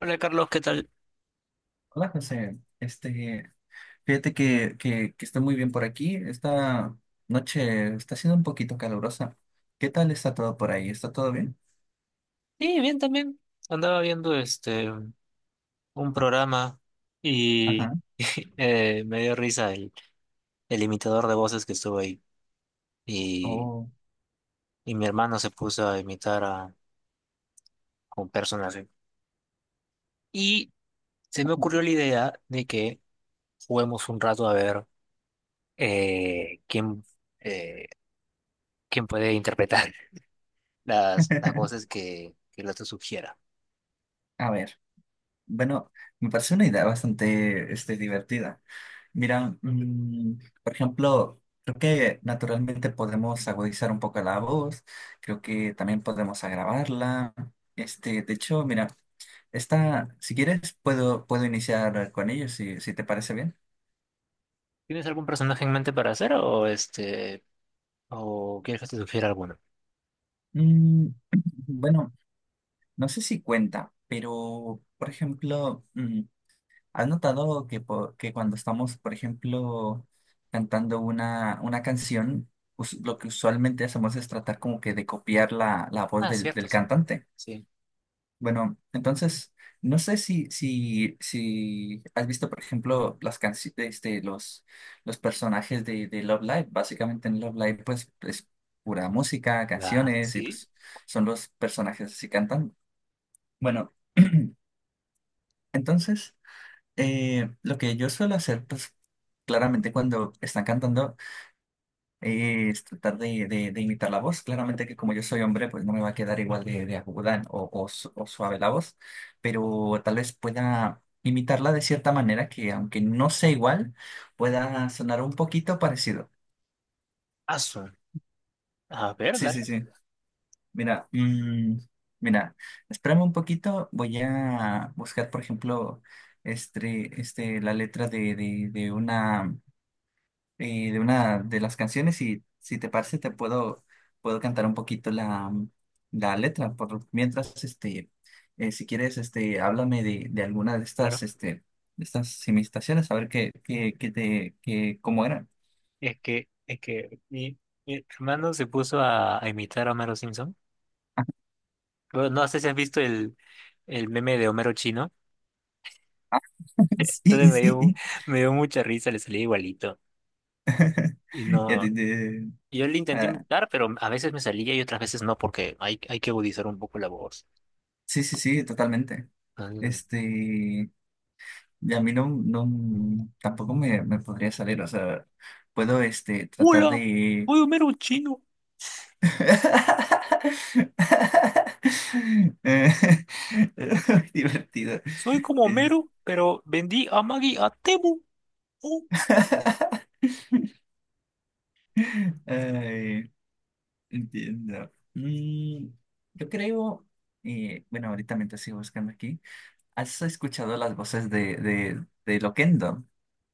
Hola Carlos, ¿qué tal? Hola José, fíjate que está muy bien por aquí. Esta noche está siendo un poquito calurosa. ¿Qué tal está todo por ahí? ¿Está todo bien? Sí, bien también. Andaba viendo un programa y Ajá. Me dio risa el imitador de voces que estuvo ahí. Y, Oh. y mi hermano se puso a imitar a un personaje. Y se me ocurrió la idea de que juguemos un rato a ver eh, quién, eh, quién puede interpretar las voces que el otro sugiera. A ver, bueno, me parece una idea bastante divertida. Mira, por ejemplo, creo que naturalmente podemos agudizar un poco la voz, creo que también podemos agravarla. De hecho, mira. Está, si quieres, puedo iniciar con ellos, si te parece bien. ¿Tienes algún personaje en mente para hacer o o quieres que te sugiera alguno? Mm, bueno, no sé si cuenta, pero, por ejemplo, ¿has notado que cuando estamos, por ejemplo, cantando una canción, lo que usualmente hacemos es tratar como que de copiar la voz Ah, del, cierto, del cierto. cantante? Sí. Bueno, entonces, no sé si has visto, por ejemplo, las canciones, los personajes de Love Live. Básicamente en Love Live, pues, es pura música, Ya, canciones, y sí. pues son los personajes así cantando. Bueno, entonces, lo que yo suelo hacer, pues, claramente cuando están cantando, es tratar de imitar la voz. Claramente que como yo soy hombre, pues no me va a quedar igual de aguda o suave la voz, pero tal vez pueda imitarla de cierta manera que aunque no sea igual, pueda sonar un poquito parecido. Azul. A ver, Sí, sí, dale. sí. Mira, mira, espérame un poquito, voy a buscar, por ejemplo, la letra de una de las canciones, y si te parece te puedo cantar un poquito la letra. Por mientras, si quieres, háblame de alguna Claro. De estas imitaciones, a ver cómo eran. Es que mi hermano se puso a imitar a Homero Simpson. Bueno, no sé si has visto el meme de Homero chino. Entonces Sí, me dio, sí. me dio mucha risa, le salía igualito. Y Ya te- no, te- yo le intenté ah, imitar, pero a veces me salía y otras veces no, porque hay que agudizar un poco la voz. sí, sí, sí, totalmente. Entonces, Y a mí no, no, tampoco me podría salir, o sea, puedo, tratar hola, de. soy Homero chino. Eh, es muy divertido. Soy como Eh, Homero, pero vendí a Maggie a Temu. Oh. Ay, entiendo. Yo creo, bueno, ahorita mientras sigo buscando aquí, ¿has escuchado las voces de Loquendo?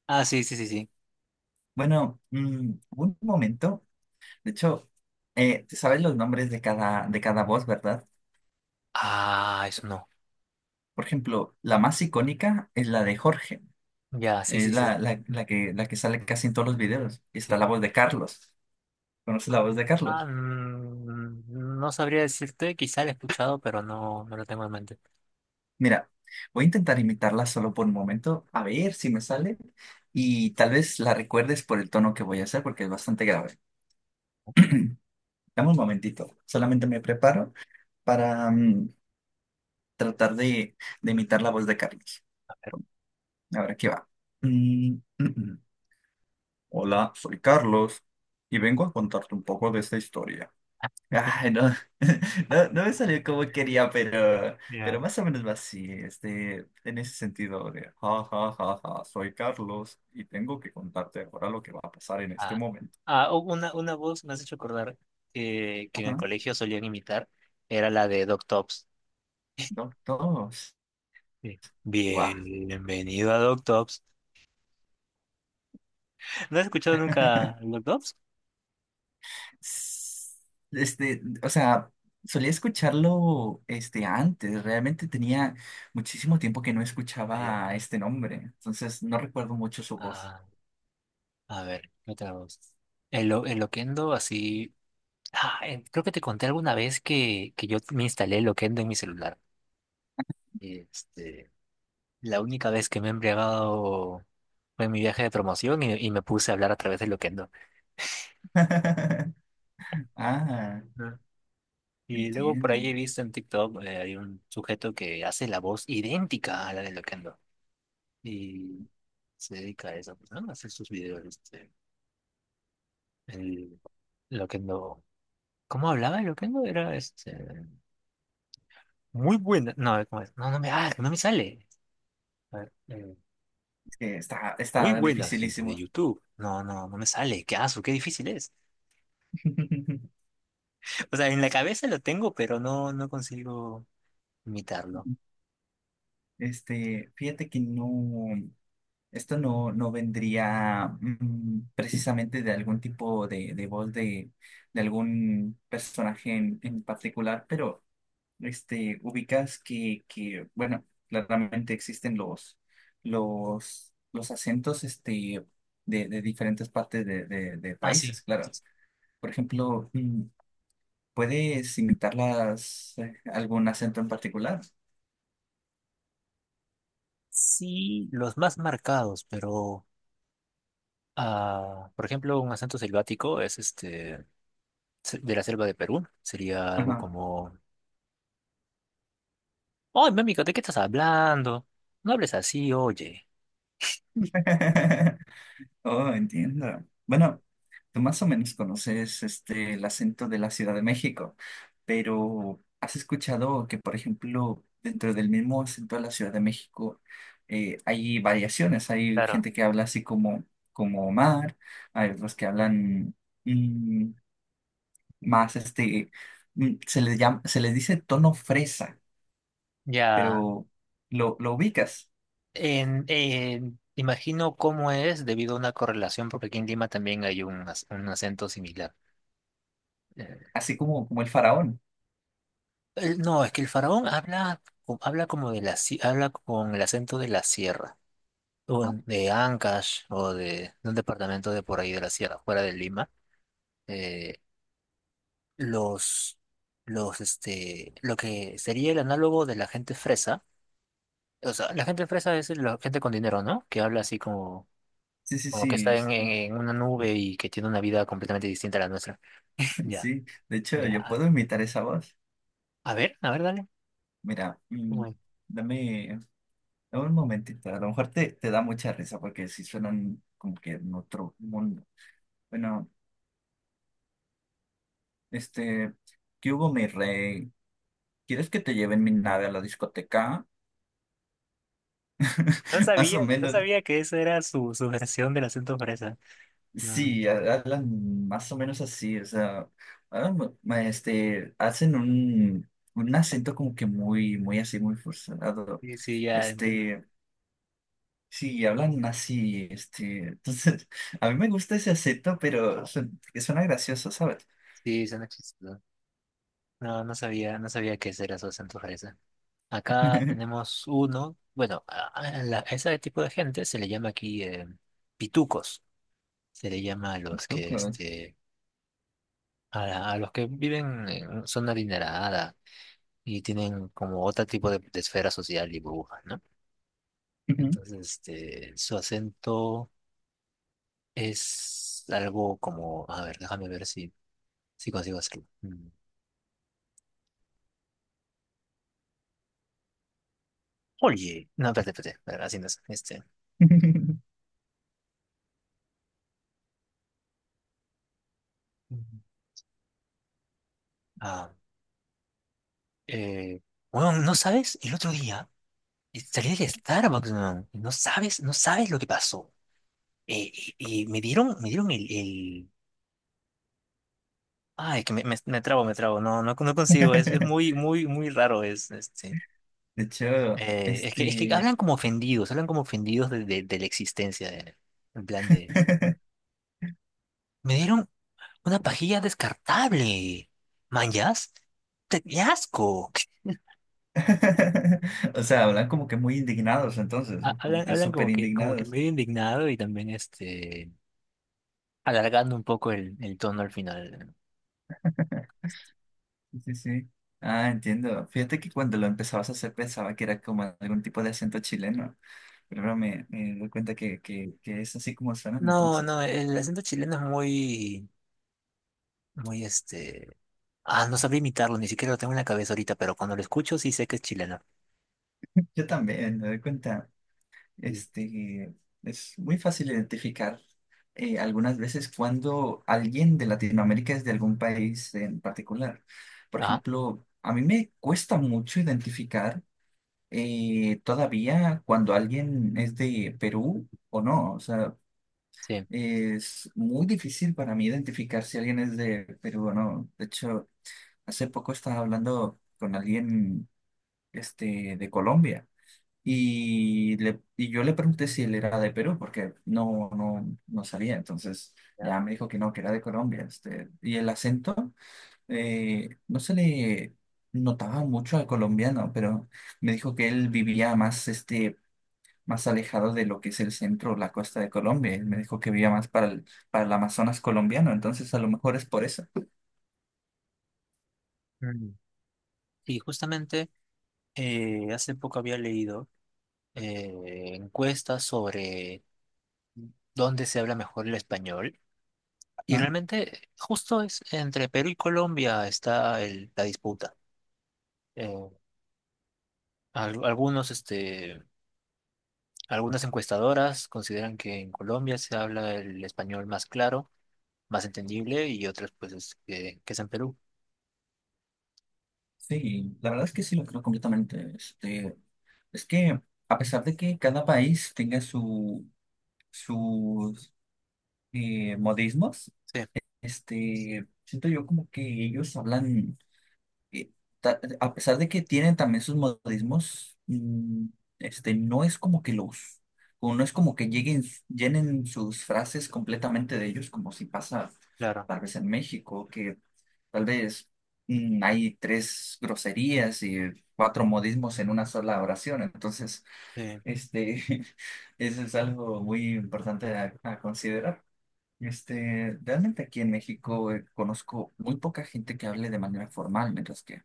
Ah, sí, sí, sí, sí. Bueno, hubo un momento, de hecho, te sabes los nombres de cada voz, ¿verdad? Ah, eso no. Por ejemplo, la más icónica es la de Jorge. Ya, sí, Es sí, sí. la que sale casi en todos los videos. Y está Sí. la voz de Carlos. ¿Conoces la Ah, voz de Carlos? No sabría decirte, quizá lo he escuchado, pero no, no lo tengo en mente. Mira, voy a intentar imitarla solo por un momento, a ver si me sale. Y tal vez la recuerdes por el tono que voy a hacer, porque es bastante grave. Dame un momentito. Solamente me preparo para, tratar de imitar la voz de Carlos. Ahora aquí va. Mm, mm, mm. Hola, soy Carlos y vengo a contarte un poco de esta historia. Ay, no, no, no me salió como quería, pero Ya. más o menos va así, en ese sentido de, ja, ja, ja, ja, soy Carlos y tengo que contarte ahora lo que va a pasar en este Ah, momento. Una voz me has hecho acordar que en el Ajá, colegio solían imitar, era la de Doc Tops. dos, dos, Sí. guau. Bienvenido a Doc Tops. ¿No has escuchado nunca Doc Tops? S- o sea, solía escucharlo, antes, realmente tenía muchísimo tiempo que no Ah, ya. escuchaba este nombre, entonces no recuerdo mucho su voz. Ah, a ver, ¿qué otra voz? El Loquendo, así. Creo que te conté alguna vez que yo me instalé el Loquendo en mi celular. Este, la única vez que me he embriagado fue en mi viaje de promoción y me puse a hablar a través de lo que no. Ah, Ah. Y luego por ahí entiendo. he visto en TikTok, hay un sujeto que hace la voz idéntica a la de Loquendo. Y se dedica a eso, pues, ¿no? A hacer sus videos. Este, el Loquendo. ¿Cómo hablaba el Loquendo? Era este, muy buena. No, ¿cómo es? No, no me sale. A ver, está, muy está buenas, gente de dificilísimo. YouTube. No, no, no me sale. Qué aso, qué difícil es. O sea, en la cabeza lo tengo, pero no, no consigo imitarlo. Fíjate que no, esto no, no vendría, precisamente, de algún tipo de voz de algún personaje en particular, pero, ubicas que, bueno, claramente existen los acentos, de diferentes partes de Ah, sí. países, claro. Por ejemplo, ¿puedes invitarlas, a algún acento en particular? Sí, los más marcados, pero por ejemplo, un acento selvático es de la selva de Perú. Sería algo Ajá. como, ¡ay, mami! ¿De qué estás hablando? No hables así, oye. Oh, entiendo. Bueno, tú más o menos conoces el acento de la Ciudad de México, pero ¿has escuchado que, por ejemplo, dentro del mismo acento de la Ciudad de México, hay variaciones? Hay Claro. gente que habla así como Omar, hay otros que hablan, mm, más, se les dice tono fresa. Ya. Pero lo ubicas, Imagino cómo es debido a una correlación, porque aquí en Lima también hay un, un acento similar. eh, así como el faraón. No, es que el faraón habla, habla como de la, habla con el acento de la sierra, o ¿No? de Ancash, o de un departamento de por ahí de la sierra, fuera de Lima. Eh, los, lo que sería el análogo de la gente fresa, o sea, la gente fresa es la gente con dinero, ¿no? Que habla así como, Sí, sí, como que sí, está en una nube y que tiene una vida completamente distinta a la nuestra. Ya, sí. De hecho, yo ya. puedo imitar esa voz. A ver, dale. Mira, Bueno, dame, dame un momentito. A lo mejor te da mucha risa porque sí suenan como que en otro mundo. Bueno, este, ¿qué hubo, mi rey? ¿Quieres que te lleven mi nave a la discoteca? no Más o sabía, no menos. sabía que esa era su versión del acento fresa. Ah, Sí, hablan más o menos así, o sea, hablan, hacen un acento como que muy, muy así, muy forzado. sí, sí, ya entiendo. Este, sí, hablan así, entonces, a mí me gusta ese acento, pero, que suena gracioso, ¿sabes? Sí, suena chistoso. No, no sabía, no sabía qué era su acento fresa. Acá tenemos uno, bueno, a ese tipo de gente se le llama aquí pitucos. Se le llama a los que, Loco. este, a los que viven en zona adinerada y tienen como otro tipo de esfera social y burbuja, ¿no? Ujú. Entonces, este, su acento es algo como, a ver, déjame ver si, si consigo hacerlo. Mm. Oye, no, espérate, espérate, espérate, así no es, este, ujú. ah, eh, weón, ¿no sabes? El otro día salí del Starbucks, weón, y no sabes, no sabes lo que pasó. Eh, y me dieron el... Ay, que me trabo, no, no, no consigo, es muy, muy, muy raro, es, este, De hecho, es que hablan como ofendidos de, de la existencia, de- en plan de, me dieron una pajilla descartable, man, ¿yas? ¡Te- ¡qué asco! o sea, hablan como que muy indignados, entonces, como Hablan, que hablan súper como que indignados. medio indignado y también este alargando un poco el tono al final. Sí, sí. Ah, entiendo. Fíjate que cuando lo empezabas a hacer pensaba que era como algún tipo de acento chileno, pero ahora me doy cuenta que es así como suenan No, entonces. no, el acento chileno es muy, muy este. Ah, no sabría imitarlo, ni siquiera lo tengo en la cabeza ahorita, pero cuando lo escucho sí sé que es chileno. Yo también me doy cuenta, Sí. este, es muy fácil identificar, algunas veces cuando alguien de Latinoamérica es de algún país en particular. Por Ajá, ejemplo, a mí me cuesta mucho identificar, todavía cuando alguien es de Perú o no. O sea, sí. es muy difícil para mí identificar si alguien es de Perú o no. De hecho, hace poco estaba hablando con alguien, de Colombia, y yo le pregunté si él era de Perú porque no, no, no sabía. Entonces ¿Ya? ya me dijo que no, que era de Colombia. Y el acento, no se le notaba mucho al colombiano, pero me dijo que él vivía más, más alejado de lo que es el centro o la costa de Colombia. Él me dijo que vivía más para el Amazonas colombiano, entonces a lo mejor es por eso. Mm. Y justamente hace poco había leído encuestas sobre dónde se habla mejor el español y Ajá. realmente justo es entre Perú y Colombia está la disputa. eh, Algunos, este, algunas encuestadoras consideran que en Colombia se habla el español más claro, más entendible, y otras, pues, es que es en Perú. Sí, la verdad es que sí lo creo completamente. Es que a pesar de que cada país tenga sus modismos, Sí, siento yo como que ellos hablan, eh, a pesar de que tienen también sus modismos, no es como que los, o no es como que lleguen, llenen sus frases completamente de ellos, como si pasa claro. tal vez en México, que tal vez, hay tres groserías y cuatro modismos en una sola oración. Entonces, Sí. este, eso es algo muy importante a considerar. Realmente aquí en México, conozco muy poca gente que hable de manera formal, mientras que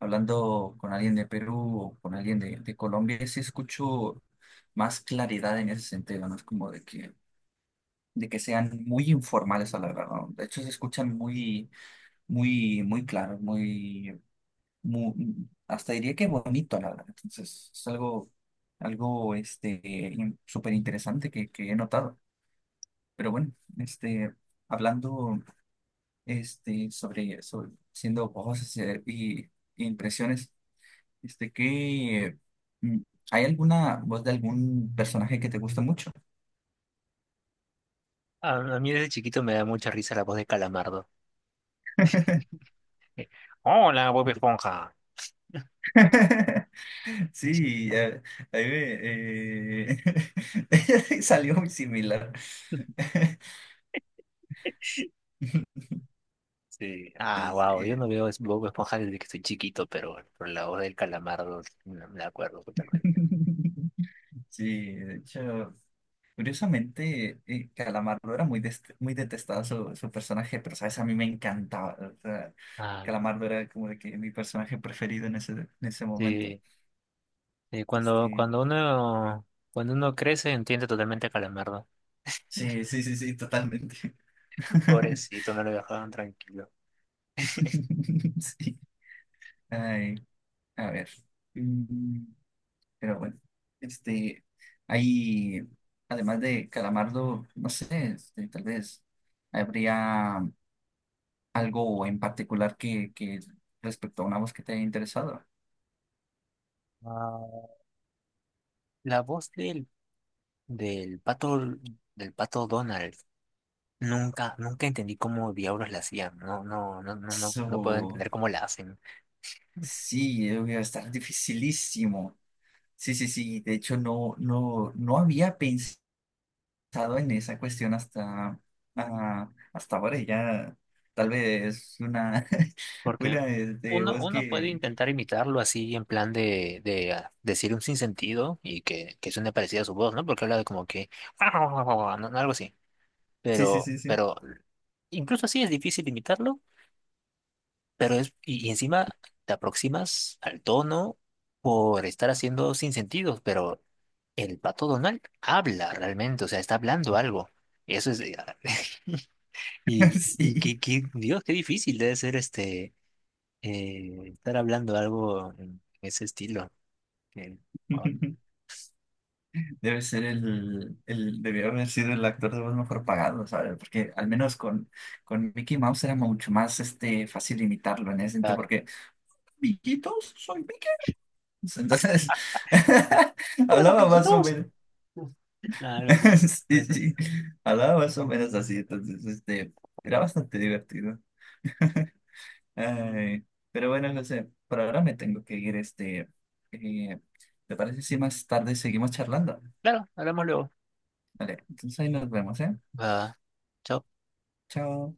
hablando con alguien de Perú o con alguien de Colombia, sí escucho más claridad en ese sentido. No es como de que sean muy informales a la verdad, ¿no? De hecho, se escuchan muy, muy, muy claros, muy, muy, hasta diría que bonito, la verdad. Entonces, es algo, súper interesante que he notado. Pero bueno, este, hablando, sobre siendo voces, y impresiones, que, mm, ¿hay alguna voz de algún personaje que te guste mucho? A mí desde chiquito me da mucha risa la voz de Calamardo. Eh, Hola, Bob Esponja. Sí, a me, eh, salió muy similar. Sí. Ah, Entonces, wow. Yo no veo Bob Esponja desde que soy chiquito, pero la voz del Calamardo me la acuerdo totalmente. sí, de hecho. Curiosamente, Calamardo era muy detestado su personaje, pero sabes, a mí me encantaba. O sea, Ah, Calamardo era como de que mi personaje preferido en ese momento. sí. Sí, Este, cuando uno crece, entiende totalmente a Calamardo. Sí, sí, sí, sí, totalmente. Pobrecito, no lo dejaban tranquilo. Sí. Ay, a ver. Mm, Pero bueno, este, hay, además de Calamardo, no sé, tal vez habría algo en particular que, respecto a una voz que te haya interesado. Ah, la voz del pato, del pato Donald, nunca, nunca entendí cómo diablos la hacían. No, no, no, no, no, no puedo So, entender cómo la hacen. sí, debe estar dificilísimo. Sí, sí, sí. De hecho, no, no, no había pensado en esa cuestión hasta, hasta ahora. Y ya, tal vez una, Porque una uno, voz uno puede que. intentar imitarlo así en plan de, de decir un sinsentido y que suene parecida a su voz, ¿no? Porque habla de como que no, no, no, no, algo así. Sí, sí, sí, sí. Pero incluso así es difícil imitarlo. Pero es, y encima te aproximas al tono por estar haciendo sin sentidos, pero el pato Donald habla realmente, o sea, está hablando algo. Eso es. Sí. Dios, qué difícil debe ser estar hablando algo en ese estilo. Que, ah, Debe ser debió haber sido el actor de voz mejor pagado, ¿sabes? Porque al menos con Mickey Mouse era mucho más fácil imitarlo en ese sentido, claro. porque, amiguitos, soy Mickey Mouse. Entonces, Hola, hablaba más o loquillitos. menos, Algo así. sí, sí, hablaba más o menos así, entonces, era bastante divertido. Ay, pero bueno, José, por ahora me tengo que ir, eh, ¿te parece si más tarde seguimos charlando? Claro, hablamos luego. Vale, entonces ahí nos vemos, ¿eh? Va, chao. Chao.